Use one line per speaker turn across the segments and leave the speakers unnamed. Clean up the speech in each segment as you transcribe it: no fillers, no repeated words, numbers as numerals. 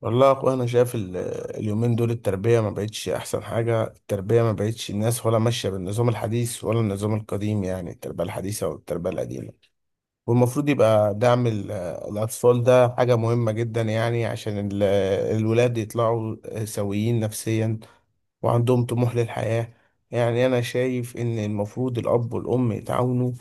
والله يا اخويا انا شايف اليومين دول التربيه ما بقتش احسن حاجه. التربيه ما بقتش الناس ولا ماشيه بالنظام الحديث ولا النظام القديم، يعني التربيه الحديثه والتربيه القديمه. والمفروض يبقى دعم الاطفال، ده حاجه مهمه جدا يعني، عشان الولاد يطلعوا سويين نفسيا وعندهم طموح للحياة. يعني أنا شايف إن المفروض الأب والأم يتعاونوا،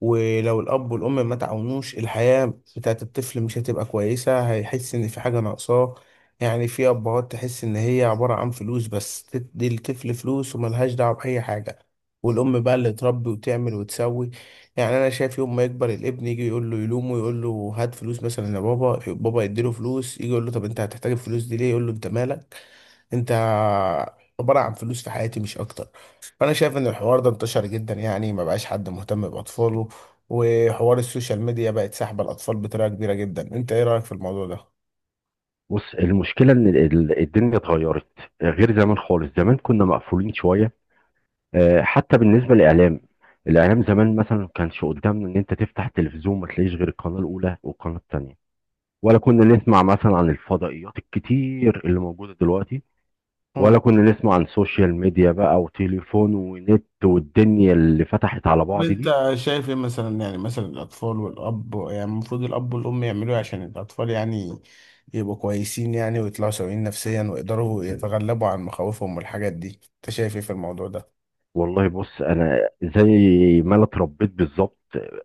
ولو الأب والأم ما تعاونوش الحياة بتاعت الطفل مش هتبقى كويسة، هيحس إن في حاجة ناقصاه. يعني في أبهات تحس إن هي عبارة عن فلوس بس، تدي الطفل فلوس وملهاش دعوة بأي حاجة، والأم بقى اللي تربي وتعمل وتسوي. يعني أنا شايف يوم ما يكبر الابن يجي يقول له يلومه، يقول له هات فلوس مثلا يا بابا، بابا يديله فلوس، يجي يقول له طب أنت هتحتاج الفلوس دي ليه، يقول له أنت مالك، انت عبارة عن فلوس في حياتي مش اكتر. فانا شايف ان الحوار ده انتشر جدا، يعني ما بقاش حد مهتم باطفاله. وحوار السوشيال ميديا بقت ساحبة الاطفال بطريقة كبيرة جدا. انت ايه رأيك في الموضوع ده؟
بص، المشكلة إن الدنيا اتغيرت، غير زمان خالص. زمان كنا مقفولين شوية. حتى بالنسبة للإعلام، الإعلام زمان مثلا ما كانش قدامنا إن أنت تفتح التلفزيون ما تلاقيش غير القناة الأولى والقناة التانية، ولا كنا نسمع مثلا عن الفضائيات الكتير اللي موجودة دلوقتي، ولا
مم.
كنا نسمع عن سوشيال ميديا بقى وتليفون ونت والدنيا اللي فتحت على
طب
بعض دي.
انت شايف ايه مثلا، يعني مثلا الاطفال والاب، يعني المفروض الاب والام يعملوا ايه عشان الاطفال يعني يبقوا كويسين، يعني ويطلعوا سويين نفسيا ويقدروا يتغلبوا عن مخاوفهم والحاجات دي. انت شايف ايه في الموضوع ده؟
والله بص، انا زي ما انا اتربيت بالظبط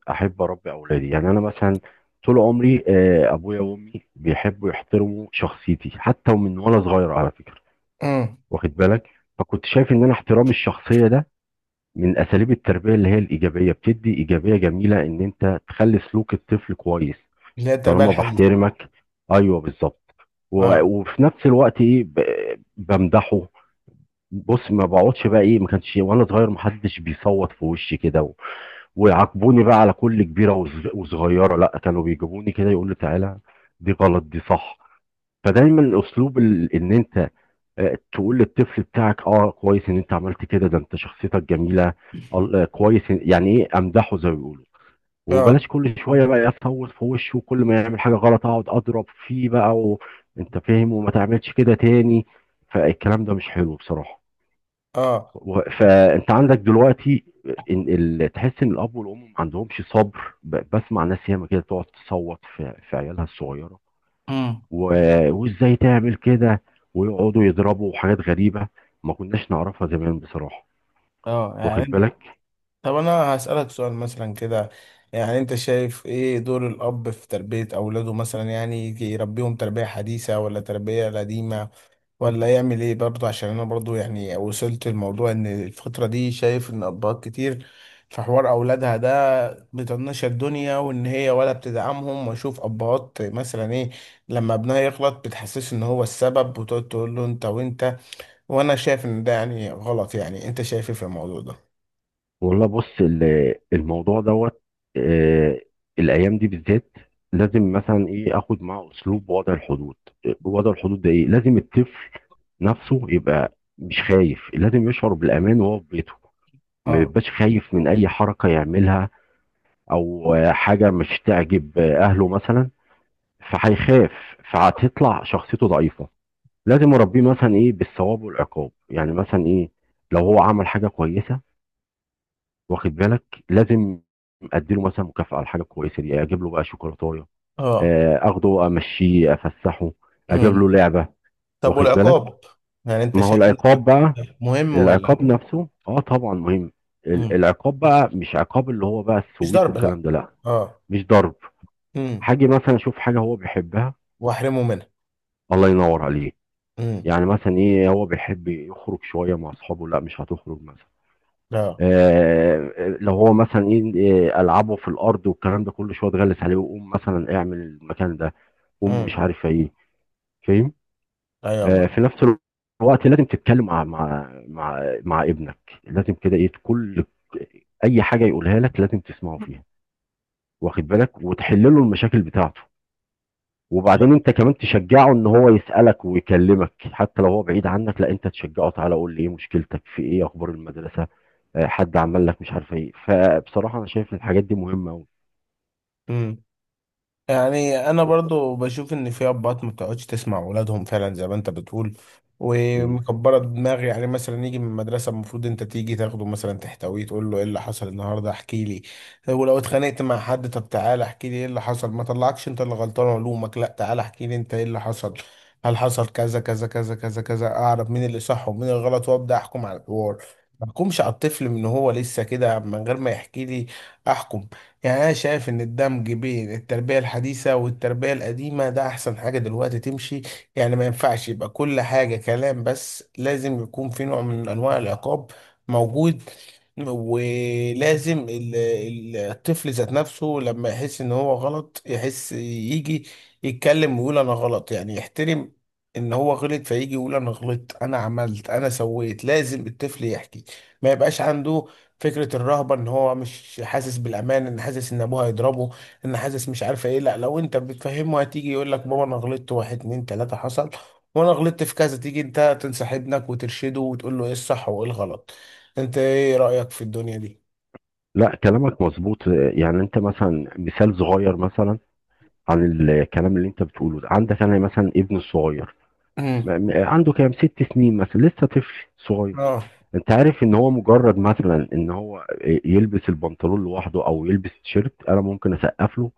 احب اربي اولادي. يعني انا مثلا طول عمري ابويا وامي بيحبوا يحترموا شخصيتي حتى ومن وانا صغير على فكره،
مم.
واخد بالك؟ فكنت شايف ان انا احترام الشخصيه ده من اساليب التربيه اللي هي الايجابيه، بتدي ايجابيه جميله ان انت تخلي سلوك الطفل كويس
اللي هي التربية
طالما
الحديثة.
بحترمك. ايوه بالظبط.
اه.
وفي نفس الوقت ايه بمدحه. بُص، ما باقعدش بقى إيه، ما كانش وأنا صغير ما حدش بيصوّت في وشّي كده، و ويعاقبوني بقى على كل كبيرة وصغيرة، لأ، كانوا بيجيبوني كده يقولوا لي: "تعالَ، دي غلط، دي صح." فدايمًا أسلوب إن أنت تقول للطفل بتاعك كويس إن أنت عملت كده، ده أنت شخصيتك جميلة، ال آه، كويس إن- يعني إيه، أمدحه زي ما بيقولوا، وبلاش
اه.
كل شوية بقى أصوّت في وشه، وكل ما يعمل حاجة غلط أقعد أضرب فيه بقى، و أنت فاهم، وما تعملش كده تاني. فالكلام ده مش حلو بصراحة.
اه.
فانت عندك دلوقتي تحس ان الاب والام ما عندهمش صبر بسمع ناس ياما كده تقعد تصوت في عيالها الصغيره،
مم.
و... وازاي تعمل كده، ويقعدوا يضربوا حاجات غريبه ما كناش نعرفها زمان بصراحه،
اه
واخد
يعني.
بالك؟
طب انا هسألك سؤال مثلا كده، يعني انت شايف ايه دور الاب في تربية اولاده مثلا، يعني يجي يربيهم تربية حديثة ولا تربية قديمة، ولا يعمل ايه برضه؟ عشان انا برضه يعني وصلت الموضوع ان الفترة دي شايف ان ابهات كتير في حوار اولادها ده بتطنش الدنيا، وان هي ولا بتدعمهم. واشوف ابهات مثلا ايه، لما ابنها يغلط بتحسسه ان هو السبب، وتقعد تقول له انت وانت. وانا شايف ان ده يعني غلط. يعني انت شايف ايه في الموضوع ده؟
والله بص، الموضوع دوت، آه، الايام دي بالذات لازم مثلا ايه اخد معاه اسلوب وضع الحدود. وضع الحدود ده ايه؟ لازم الطفل نفسه يبقى مش خايف، لازم يشعر بالامان وهو في بيته، ما
اه.
بيبقاش خايف من اي حركه يعملها او حاجه مش تعجب اهله مثلا، فهيخاف، فهتطلع شخصيته ضعيفه. لازم اربيه مثلا ايه بالثواب والعقاب. يعني مثلا ايه، لو هو عمل حاجه كويسه، واخد بالك، لازم اديله مثلا مكافاه على الحاجه الكويسه دي، اجيب له بقى شوكولاته،
اه.
اخده امشيه افسحه، اجيب له
مم.
لعبه،
طب
واخد بالك.
والعقاب، يعني انت
ما هو
شايف ان
العقاب
العقاب
بقى،
مهم ولا
العقاب
لا؟
نفسه اه طبعا مهم.
مم.
العقاب بقى مش عقاب اللي هو بقى
مش
السويت
ضرب لا.
والكلام ده، لا.
اه.
مش ضرب.
مم.
حاجة مثلا اشوف حاجة هو بيحبها،
واحرمه منها.
الله ينور عليه.
مم.
يعني مثلا ايه، هو بيحب يخرج شوية مع اصحابه، لا، مش هتخرج مثلا.
اه.
لو هو مثلا ايه العابه في الارض والكلام ده كله، شويه تغلس عليه، وقوم مثلا اعمل المكان ده، قوم مش
مم.
عارف ايه، فاهم؟
ايوه
في
يا
نفس الوقت لازم تتكلم مع ابنك. لازم كده ايه، كل اي حاجه يقولها لك لازم تسمعه فيها، واخد بالك، وتحل له المشاكل بتاعته. وبعدين انت كمان تشجعه ان هو يسألك ويكلمك حتى لو هو بعيد عنك، لا، انت تشجعه: تعالى قول لي ايه مشكلتك؟ في ايه؟ اخبار المدرسة؟ حد عمل لك مش عارف ايه؟ فبصراحة انا شايف الحاجات دي مهمة قوي.
مريم. يعني انا برضو بشوف ان في ابات ما بتقعدش تسمع اولادهم فعلا زي ما انت بتقول،
مم.
ومكبره دماغي. يعني مثلا يجي من المدرسه المفروض انت تيجي تاخده مثلا تحتويه، تقول له ايه اللي حصل النهارده، احكي لي. ولو اتخانقت مع حد طب تعالى احكي لي ايه اللي حصل، ما طلعكش انت اللي غلطان علومك، لا تعالى احكي لي انت ايه اللي حصل، هل حصل كذا كذا كذا كذا كذا، اعرف مين اللي صح ومين الغلط وابدا احكم على الحوار. ما احكمش على الطفل من هو لسه كده من غير ما يحكي لي احكم. يعني أنا شايف إن الدمج بين التربية الحديثة والتربية القديمة ده أحسن حاجة دلوقتي تمشي. يعني ما ينفعش يبقى كل حاجة كلام بس، لازم يكون في نوع من أنواع العقاب موجود. ولازم الطفل ذات نفسه لما يحس ان هو غلط يحس يجي يتكلم ويقول انا غلط، يعني يحترم ان هو غلط، فيجي يقول انا غلطت انا عملت انا سويت. لازم الطفل يحكي، ما يبقاش عنده فكرة الرهبة ان هو مش حاسس بالامان، ان حاسس ان ابوه هيضربه، ان حاسس مش عارفة ايه. لا لو انت بتفهمه هتيجي يقول لك بابا انا غلطت واحد اتنين تلاتة حصل، وانا غلطت في كذا، تيجي انت تنصح ابنك وترشده وتقول له ايه الصح وايه الغلط. انت ايه رأيك في الدنيا دي؟
لا كلامك مظبوط. يعني انت مثلا مثال صغير مثلا عن الكلام اللي انت بتقوله ده. عندك انا مثلا ابن الصغير،
امم.
عنده كام 6 سنين مثلا، لسه طفل صغير.
اه.
انت عارف ان هو مجرد مثلا ان هو يلبس البنطلون لوحده او يلبس تيشيرت، انا ممكن اسقف له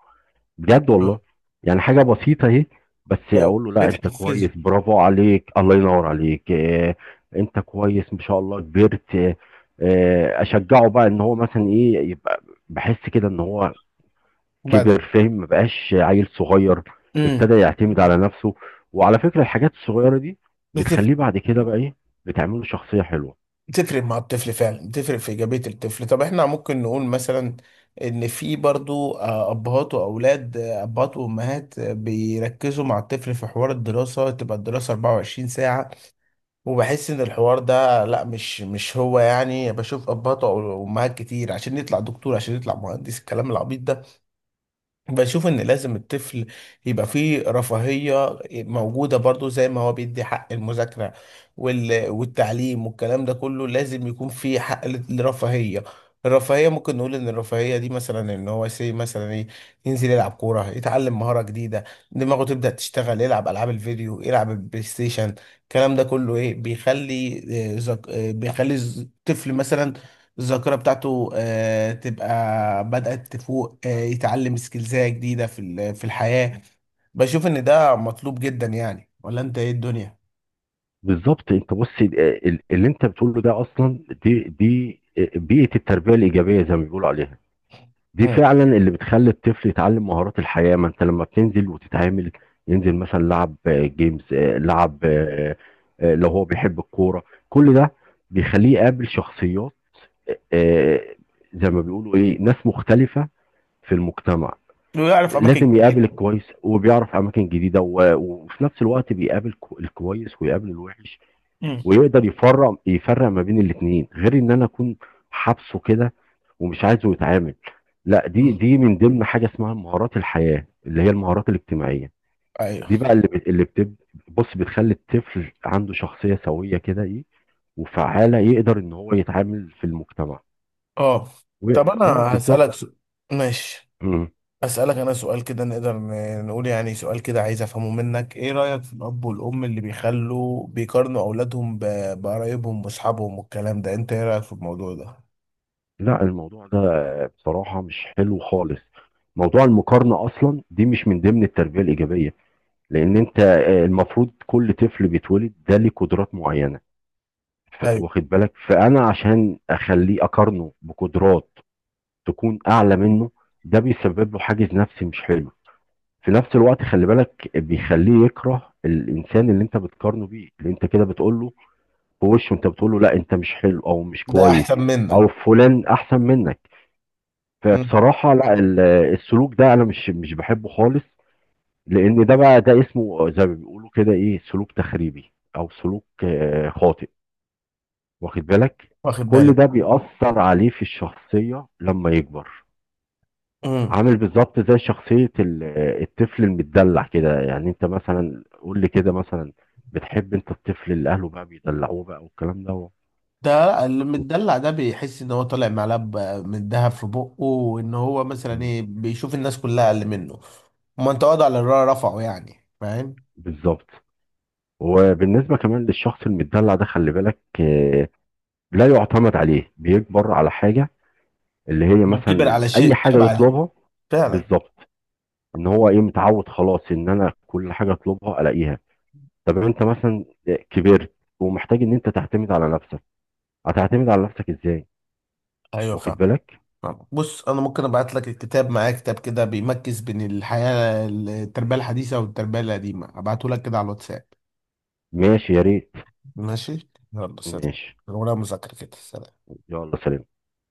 بجد والله. يعني حاجة بسيطة اهي، بس
لو
اقول له لا انت
بتحفزه.
كويس، برافو عليك، الله ينور عليك، اه، انت كويس، ما شاء الله، كبرت. اه، اشجعه بقى ان هو مثلا ايه، يبقى بحس كده ان هو
بدأ.
كبر، فاهم، ما بقاش عيل صغير،
امم.
ابتدى يعتمد على نفسه. وعلى فكرة الحاجات الصغيرة دي
بتف-
بتخليه بعد كده بقى ايه، بتعمله شخصية حلوة.
بتفرق مع الطفل فعلا، بتفرق في إيجابية الطفل. طب احنا ممكن نقول مثلا ان في برضو ابهات واولاد، ابهات وامهات، بيركزوا مع الطفل في حوار الدراسة، تبقى الدراسة 24 ساعة، وبحس ان الحوار ده لا، مش هو. يعني بشوف ابهات وامهات كتير عشان يطلع دكتور، عشان يطلع مهندس، الكلام العبيط. بشوف ان لازم الطفل يبقى فيه رفاهية موجودة برضو، زي ما هو بيدي حق المذاكرة والتعليم والكلام ده كله، لازم يكون فيه حق الرفاهية. الرفاهية ممكن نقول ان الرفاهية دي مثلا ان هو سي مثلا ايه، ينزل يلعب كورة، يتعلم مهارة جديدة، دماغه تبدأ تشتغل، يلعب العاب الفيديو، يلعب البلاي ستيشن. الكلام ده كله ايه بيخلي بيخلي الطفل مثلا الذاكرة بتاعته تبقى بدأت تفوق، يتعلم سكيلزات جديدة في الحياة. بشوف إن ده مطلوب جدا يعني، ولا أنت إيه الدنيا؟
بالظبط، انت بص، اللي انت بتقوله ده اصلا، دي بيئة التربية الإيجابية زي ما بيقولوا عليها. دي
مم.
فعلا اللي بتخلي الطفل يتعلم مهارات الحياة. ما انت لما بتنزل وتتعامل، ينزل مثلا لعب جيمز، لعب لو هو بيحب الكورة، كل ده بيخليه يقابل شخصيات، آه، آه، زي ما بيقولوا ايه ناس مختلفة في المجتمع.
لو يعرف أماكن
لازم يقابل
جديدة.
الكويس وبيعرف اماكن جديدة، وفي نفس الوقت بيقابل الكويس ويقابل الوحش،
مم.
ويقدر يفرق ما بين الاثنين، غير ان انا اكون حابسه كده ومش عايزه يتعامل. لا، دي
مم.
دي من ضمن حاجه اسمها مهارات الحياه، اللي هي المهارات الاجتماعيه.
أيوه.
دي بقى اللي بت- اللي بتب بص، بتخلي الطفل عنده شخصيه سويه كده ايه، وفعاله، يقدر ان هو يتعامل في المجتمع.
أه. طب أنا
اه بالظبط.
هسألك سؤال، ماشي؟
مم.
أسألك أنا سؤال كده، نقدر نقول يعني سؤال كده عايز أفهمه منك، إيه رأيك في الأب والأم اللي بيخلوا بيقارنوا أولادهم بقرايبهم وأصحابهم والكلام ده؟ أنت إيه رأيك في الموضوع ده؟
لا الموضوع ده بصراحه مش حلو خالص. موضوع المقارنه اصلا دي مش من ضمن التربيه الايجابيه، لان انت المفروض كل طفل بيتولد ده ليه قدرات معينه.
أيوه.
واخد بالك، فانا عشان اخليه اقارنه بقدرات تكون اعلى منه، ده بيسبب له حاجز نفسي مش حلو. في نفس الوقت خلي بالك، بيخليه يكره الانسان اللي انت بتقارنه بيه، اللي انت كده بتقول له في وشه، انت بتقول له لا انت مش حلو او مش
ده
كويس
أحسن منك.
او فلان احسن منك. فبصراحه لا، السلوك ده انا مش بحبه خالص. لان ده بقى ده اسمه زي ما بيقولوا كده ايه، سلوك تخريبي او سلوك خاطئ، واخد بالك.
واخد
كل
بالك.
ده بيأثر عليه في الشخصية لما يكبر.
امم.
عامل بالظبط زي شخصية الطفل المتدلع كده. يعني انت مثلا قول لي كده مثلا، بتحب انت الطفل اللي اهله بقى بيدلعوه بقى والكلام ده؟
ده اللي متدلع ده بيحس ان هو طالع معلقه من دهب في بقه، وان هو مثلا
مم.
ايه بيشوف الناس كلها اقل منه. ما انت وضع رفعه يعني، فاهم.
بالظبط. وبالنسبة كمان للشخص المتدلع ده خلي بالك، لا يعتمد عليه، بيكبر على حاجة اللي هي
ما كبر
مثلا
على
اي
شيء
حاجه
شبع عليه.
يطلبها.
فعلا.
بالظبط، ان هو ايه متعود خلاص ان انا كل حاجه اطلبها الاقيها. طب انت مثلا كبرت ومحتاج ان انت تعتمد على نفسك، هتعتمد على نفسك ازاي؟
ايوه
واخد
فعلا.
بالك.
بص انا ممكن ابعت لك الكتاب معايا، كتاب كده بيمكس بين الحياه التربيه الحديثه والتربيه القديمه. ابعته لك كده على الواتساب.
ماشي يا ريت.
ماشي يلا سلام.
ماشي.
ولا مذاكره كده، سلام.
يلا سلام